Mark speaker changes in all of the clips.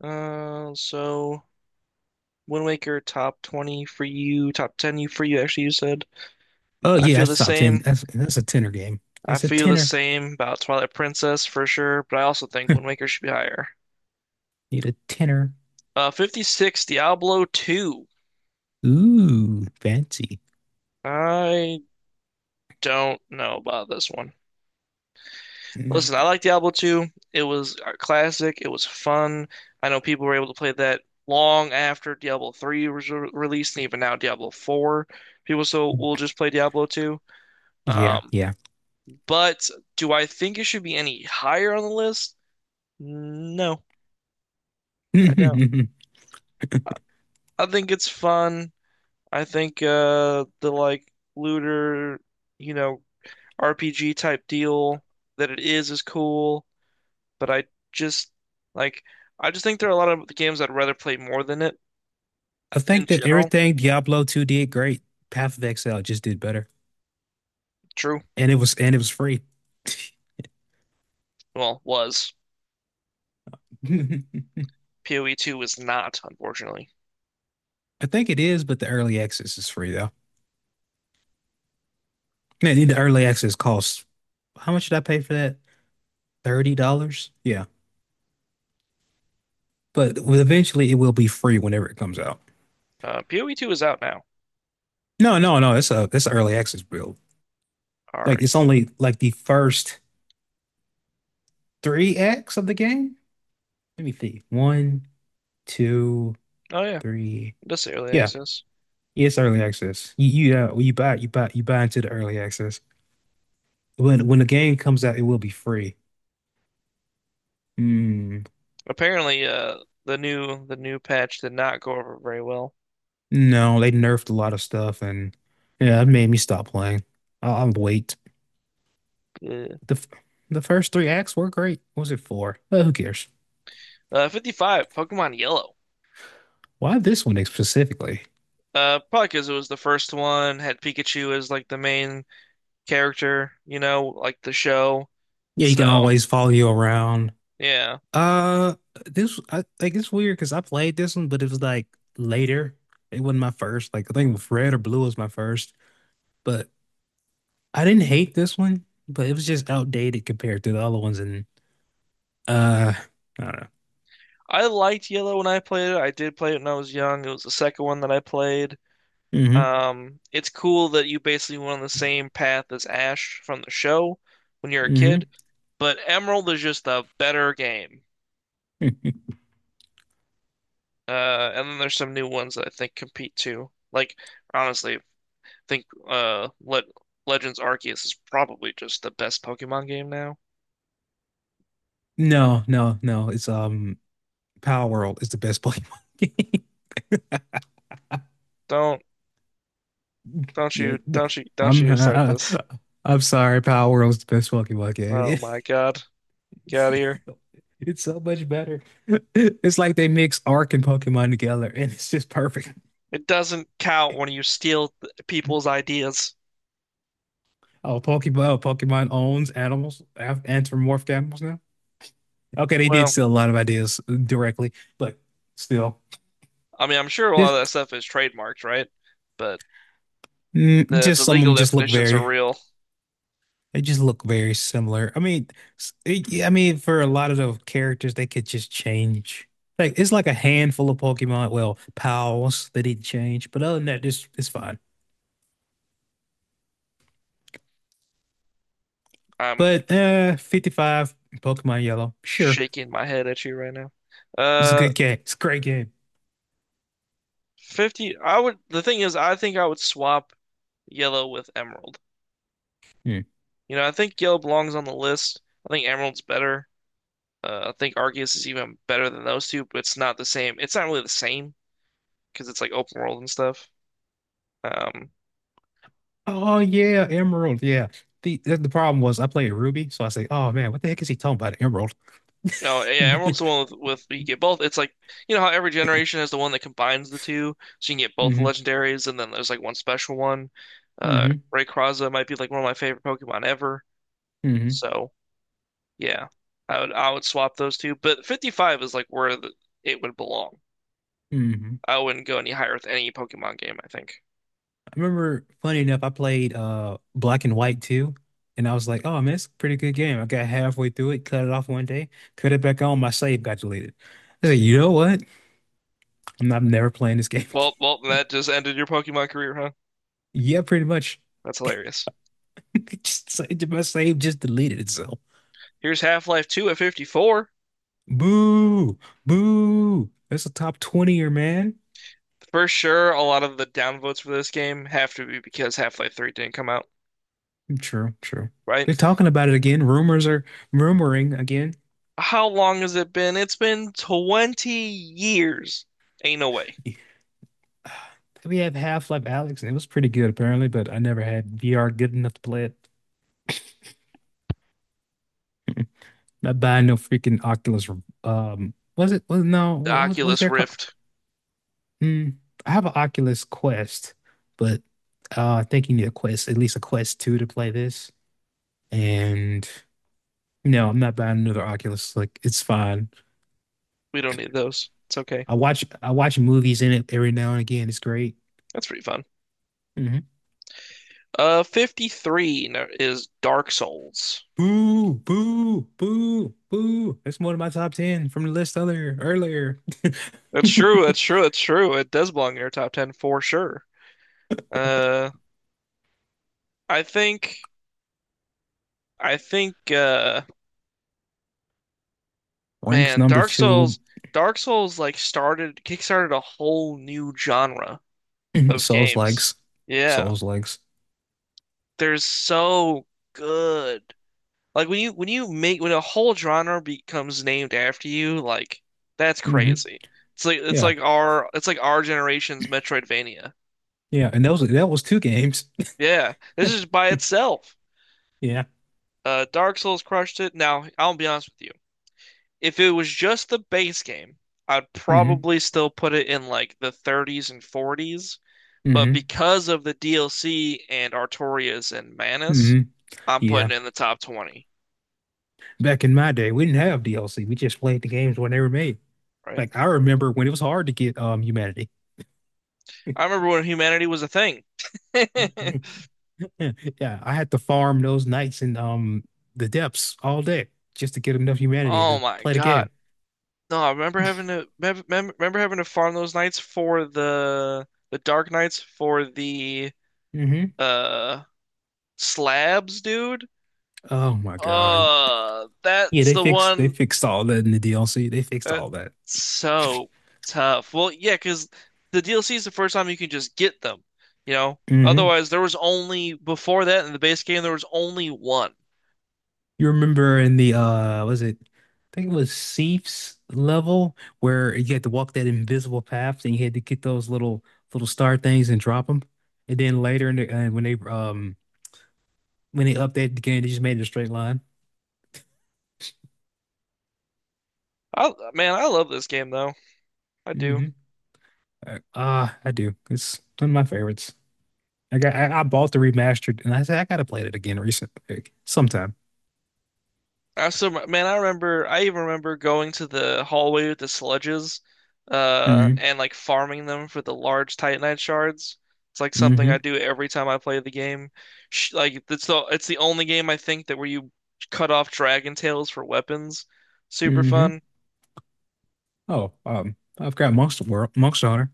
Speaker 1: So Wind Waker top 20 for you, top 10 for you actually you said.
Speaker 2: Oh
Speaker 1: I
Speaker 2: yeah,
Speaker 1: feel the
Speaker 2: that's top 10.
Speaker 1: same.
Speaker 2: That's a tenner game.
Speaker 1: I
Speaker 2: That's a
Speaker 1: feel the
Speaker 2: tenner.
Speaker 1: same about Twilight Princess for sure, but I also think Wind Waker should be higher.
Speaker 2: Need a tenner.
Speaker 1: 56, Diablo 2.
Speaker 2: Ooh, fancy.
Speaker 1: I don't know about this one.
Speaker 2: Mm,
Speaker 1: Listen, I like Diablo 2. It was a classic. It was fun. I know people were able to play that long after Diablo 3 was re released, and even now Diablo 4. People still will just play Diablo 2.
Speaker 2: yeah,
Speaker 1: Um,
Speaker 2: yeah.
Speaker 1: But do I think it should be any higher on the list? No, I don't.
Speaker 2: I
Speaker 1: I I think it's fun. I think the like looter, you know, RPG type deal that it is cool, but I just like I just think there are a lot of games I'd rather play more than it in
Speaker 2: think that
Speaker 1: general.
Speaker 2: everything Diablo 2 did great. Path of Exile just did better.
Speaker 1: True.
Speaker 2: And it was free.
Speaker 1: Well, was.
Speaker 2: I
Speaker 1: PoE 2 is not, unfortunately.
Speaker 2: think it is, but the early access is free though. Man, the early access costs, how much did I pay for that? $30? Yeah. But well, eventually it will be free whenever it comes out.
Speaker 1: PoE 2 is out now.
Speaker 2: No, no, no. It's an early access build.
Speaker 1: Are
Speaker 2: Like it's only like the first three acts of the game. Let me see. One, two,
Speaker 1: oh yeah,
Speaker 2: three.
Speaker 1: it does say early
Speaker 2: Yeah,
Speaker 1: access.
Speaker 2: it's early access. You you buy you buy you buy into the early access. When the game comes out, it will be free. Hmm.
Speaker 1: Apparently, the new patch did not go over very well.
Speaker 2: No, they nerfed a lot of stuff, and yeah, it made me stop playing. I'll wait.
Speaker 1: Yeah.
Speaker 2: The f- the first three acts were great. What was it, four? Who cares?
Speaker 1: 55, Pokemon Yellow.
Speaker 2: Why this one specifically?
Speaker 1: Probably because it was the first one, had Pikachu as like the main character, you know, like the show.
Speaker 2: Yeah, you can
Speaker 1: So,
Speaker 2: always follow you around.
Speaker 1: yeah.
Speaker 2: Uh, this I like It's weird because I played this one, but it was like later. It wasn't my first. Like I think Red or Blue was my first, but I didn't hate this one, but it was just outdated compared to the other ones. And uh, I don't know.
Speaker 1: I liked Yellow when I played it. I did play it when I was young. It was the second one that I played. It's cool that you basically went on the same path as Ash from the show when you're a
Speaker 2: Mm-hmm.
Speaker 1: kid, but Emerald is just a better game.
Speaker 2: Mm-hmm.
Speaker 1: And then there's some new ones that I think compete too. Like honestly, I think Le Legends Arceus is probably just the best Pokemon game now.
Speaker 2: No, no, no. It's Power World is the best Pokemon game.
Speaker 1: Don't don't
Speaker 2: Yeah,
Speaker 1: you
Speaker 2: th-
Speaker 1: don't you don't
Speaker 2: I'm
Speaker 1: you start
Speaker 2: I-
Speaker 1: this.
Speaker 2: I'm sorry. Power World is the best Pokemon
Speaker 1: Oh
Speaker 2: game.
Speaker 1: my God. Get out of here.
Speaker 2: It's so much better. It's like they mix Arc and Pokemon together, and it's just perfect.
Speaker 1: It doesn't count when you people's ideas.
Speaker 2: Oh, Pokemon owns animals, anthropomorphic animals now. Okay, they did
Speaker 1: Well,
Speaker 2: steal a lot of ideas directly, but still,
Speaker 1: I mean, I'm sure a lot of that
Speaker 2: just
Speaker 1: stuff is trademarked, right? But
Speaker 2: mm,
Speaker 1: the
Speaker 2: just some of them
Speaker 1: legal
Speaker 2: just look
Speaker 1: definitions are
Speaker 2: very,
Speaker 1: real.
Speaker 2: they just look very similar. I mean, I mean, for a lot of the characters, they could just change. Like it's like a handful of Pokemon, well, pals, they didn't change, but other than that, this it's fine.
Speaker 1: I'm
Speaker 2: But 55 Pokemon Yellow, sure,
Speaker 1: shaking my head at you right now.
Speaker 2: it's a
Speaker 1: Uh,
Speaker 2: good game. It's a great game.
Speaker 1: 50, I would, the thing is, I think I would swap yellow with emerald.
Speaker 2: Yeah.
Speaker 1: You know, I think yellow belongs on the list. I think emerald's better. I think Arceus is even better than those two, but it's not the same. It's not really the same because it's like open world and stuff. Um,
Speaker 2: Oh yeah, Emerald. Yeah. The problem was I played Ruby, so I say, oh man, what the heck is he talking about? Emerald.
Speaker 1: no, yeah, emerald's the
Speaker 2: hmm.
Speaker 1: one with you get both. It's like you know how every generation has the one that combines the two, so you can get both the legendaries, and then there's like one special one. Uh,
Speaker 2: Hmm.
Speaker 1: Rayquaza might be like one of my favorite Pokemon ever.
Speaker 2: Hmm.
Speaker 1: So yeah, I would swap those two, but 55 is like where the, it would belong.
Speaker 2: Hmm.
Speaker 1: I wouldn't go any higher with any Pokemon game, I think.
Speaker 2: I remember, funny enough, I played Black and White too, and I was like, oh man, it's a pretty good game. I got halfway through it, cut it off one day, cut it back on, my save got deleted. I said, you know what? I'm never playing this game again.
Speaker 1: Well, well, that just ended your Pokemon career, huh?
Speaker 2: Yeah, pretty much.
Speaker 1: That's hilarious.
Speaker 2: My save just deleted itself.
Speaker 1: Here's Half-Life 2 at 54.
Speaker 2: Boo, boo. That's a top 20er, man.
Speaker 1: For sure, a lot of the downvotes for this game have to be because Half-Life 3 didn't come out,
Speaker 2: True, true.
Speaker 1: right?
Speaker 2: They're talking about it again. Rumors are rumoring again.
Speaker 1: How long has it been? It's been 20 years. Ain't no way.
Speaker 2: We have Half-Life Alex, and it was pretty good apparently, but I never had VR good enough to play it. Not buying no freaking Oculus. Was it? No,
Speaker 1: The
Speaker 2: what was
Speaker 1: Oculus
Speaker 2: their call?
Speaker 1: Rift.
Speaker 2: Mm, I have an Oculus Quest, but I think you need a Quest, at least a Quest 2 to play this. And no, I'm not buying another Oculus. Like it's fine.
Speaker 1: We don't need those. It's okay.
Speaker 2: I watch movies in it every now and again. It's great.
Speaker 1: That's pretty fun.
Speaker 2: Hmm.
Speaker 1: 53 is Dark Souls.
Speaker 2: Boo, boo, boo, boo. That's one of my top 10 from the list other earlier.
Speaker 1: That's true, that's true, that's true. It does belong in your top 10 for sure. Uh, I think I think
Speaker 2: Ranks
Speaker 1: man,
Speaker 2: number
Speaker 1: Dark
Speaker 2: two.
Speaker 1: Souls Dark Souls like started kickstarted a whole new genre of
Speaker 2: Souls
Speaker 1: games.
Speaker 2: likes.
Speaker 1: Yeah.
Speaker 2: Souls likes.
Speaker 1: They're so good. Like when you make when a whole genre becomes named after you, like that's
Speaker 2: Hmm.
Speaker 1: crazy. It's like it's
Speaker 2: Yeah.
Speaker 1: like our it's like our generation's Metroidvania.
Speaker 2: Yeah. And that was two games.
Speaker 1: Yeah. This is by itself.
Speaker 2: Yeah.
Speaker 1: Dark Souls crushed it. Now, I'll be honest with you. If it was just the base game, I'd
Speaker 2: Hmm.
Speaker 1: probably still put it in like the 30s and 40s, but
Speaker 2: Hmm.
Speaker 1: because of the DLC and Artorias and Manus,
Speaker 2: Hmm.
Speaker 1: I'm putting
Speaker 2: Yeah.
Speaker 1: it in the top 20,
Speaker 2: Back in my day, we didn't have DLC. We just played the games when they were made.
Speaker 1: right?
Speaker 2: Like I remember when it was hard to get Humanity.
Speaker 1: I remember when humanity was a thing.
Speaker 2: Yeah, yeah. I had to farm those nights in the depths all day just to get enough humanity
Speaker 1: Oh
Speaker 2: to
Speaker 1: my
Speaker 2: play the
Speaker 1: God.
Speaker 2: game.
Speaker 1: No, I remember having to farm those nights for the Dark Knights for the
Speaker 2: Hmm.
Speaker 1: uh slabs, dude.
Speaker 2: Oh my God. Yeah,
Speaker 1: That's
Speaker 2: they
Speaker 1: the
Speaker 2: fixed they
Speaker 1: one
Speaker 2: fixed all that in the DLC. They fixed
Speaker 1: That's
Speaker 2: all that.
Speaker 1: so tough. Well, yeah, because the DLC is the first time you can just get them, you know?
Speaker 2: Hmm.
Speaker 1: Otherwise, there was only, before that in the base game, there was only one.
Speaker 2: You remember in the was it I think it was Seif's level where you had to walk that invisible path and you had to get those little star things and drop them. And then later in the when they updated the game, they just made it a straight line.
Speaker 1: I, man, I love this game though. I do.
Speaker 2: Hmm. Ah, I do. It's one of my favorites. I bought the remastered and I said I gotta play it again recently sometime.
Speaker 1: I so Man, I remember. I even remember going to the hallway with the sludges,
Speaker 2: Mm-hmm.
Speaker 1: and like farming them for the large Titanite shards. It's like something
Speaker 2: Mm-hmm.
Speaker 1: I do every time I play the game. Sh like It's the only game I think that where you cut off dragon tails for weapons. Super
Speaker 2: Mm-hmm.
Speaker 1: fun.
Speaker 2: Oh, I've got Monster World, Monster Hunter.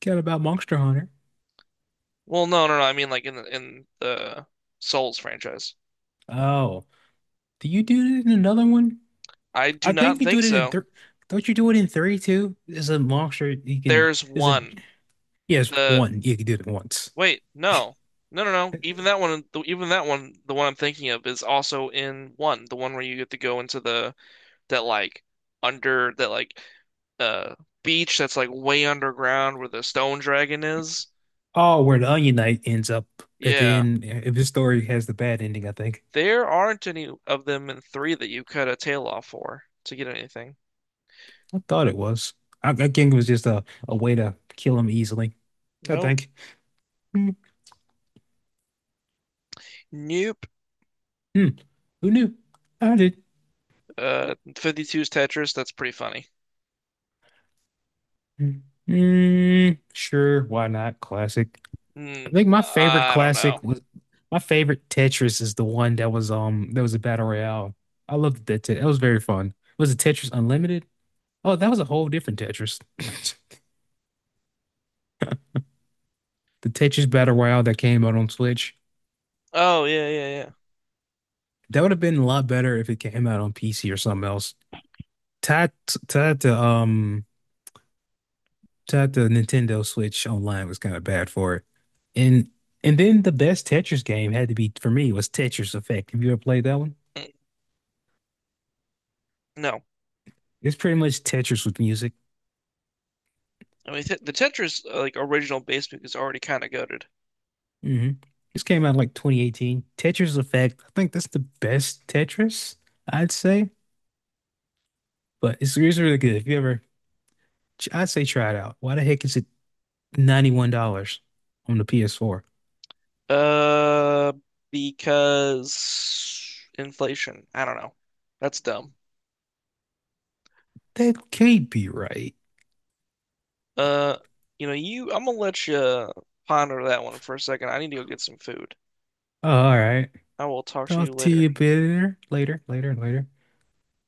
Speaker 2: Got about Monster Hunter.
Speaker 1: Well, no, no, no. I mean like in the Souls franchise.
Speaker 2: Oh, do you do it in another one?
Speaker 1: I do
Speaker 2: I think
Speaker 1: not
Speaker 2: you do
Speaker 1: think
Speaker 2: it in
Speaker 1: so.
Speaker 2: three. Don't you do it in three too? Is a monster you can,
Speaker 1: There's
Speaker 2: is a
Speaker 1: one.
Speaker 2: yes,
Speaker 1: The
Speaker 2: one. Yeah, you can do it once.
Speaker 1: Wait, no. No, no, no. Even that one, the one I'm thinking of is also in one, the one where you get to go into the that like under that like uh beach that's like way underground where the stone dragon is.
Speaker 2: Oh, where the Onion Knight ends up at the
Speaker 1: Yeah.
Speaker 2: end if his story has the bad ending, I think.
Speaker 1: There aren't any of them in three that you cut a tail off for to get anything.
Speaker 2: I thought it was. I think it was just a way to kill him easily. I
Speaker 1: Nope.
Speaker 2: think. Mm,
Speaker 1: Nope.
Speaker 2: mm. Who knew? I did.
Speaker 1: 52's Tetris, that's pretty funny.
Speaker 2: Mm, mm, sure, why not? Classic. I
Speaker 1: Mm,
Speaker 2: think
Speaker 1: I don't know.
Speaker 2: my favorite Tetris is the one that was a battle royale. I loved that. That was very fun. Was it Tetris Unlimited? Oh, that was a whole different Tetris. The Tetris battle royale that came out on Switch.
Speaker 1: Oh, yeah, yeah,
Speaker 2: That would have been a lot better if it came out on PC or something else. Tied to Shout out the Nintendo Switch online was kind of bad for it. And and then the best Tetris game had to be for me was Tetris Effect. Have you ever played that one?
Speaker 1: yeah. Mm, no.
Speaker 2: It's pretty much Tetris with music.
Speaker 1: I mean, the Tetris like original basement is already kind of goated.
Speaker 2: Hmm. This came out in like 2018. Tetris Effect. I think that's the best Tetris, I'd say. But it's really good. If you ever, I'd say try it out. Why the heck is it $91 on the PS4?
Speaker 1: Uh, because inflation. I don't know. That's dumb.
Speaker 2: That can't be right.
Speaker 1: Uh, you know, you. I'm gonna let you ponder that one for a second. I need to go get some food.
Speaker 2: Oh, all right.
Speaker 1: I will talk to you
Speaker 2: Talk to
Speaker 1: later.
Speaker 2: you later, later, later, later.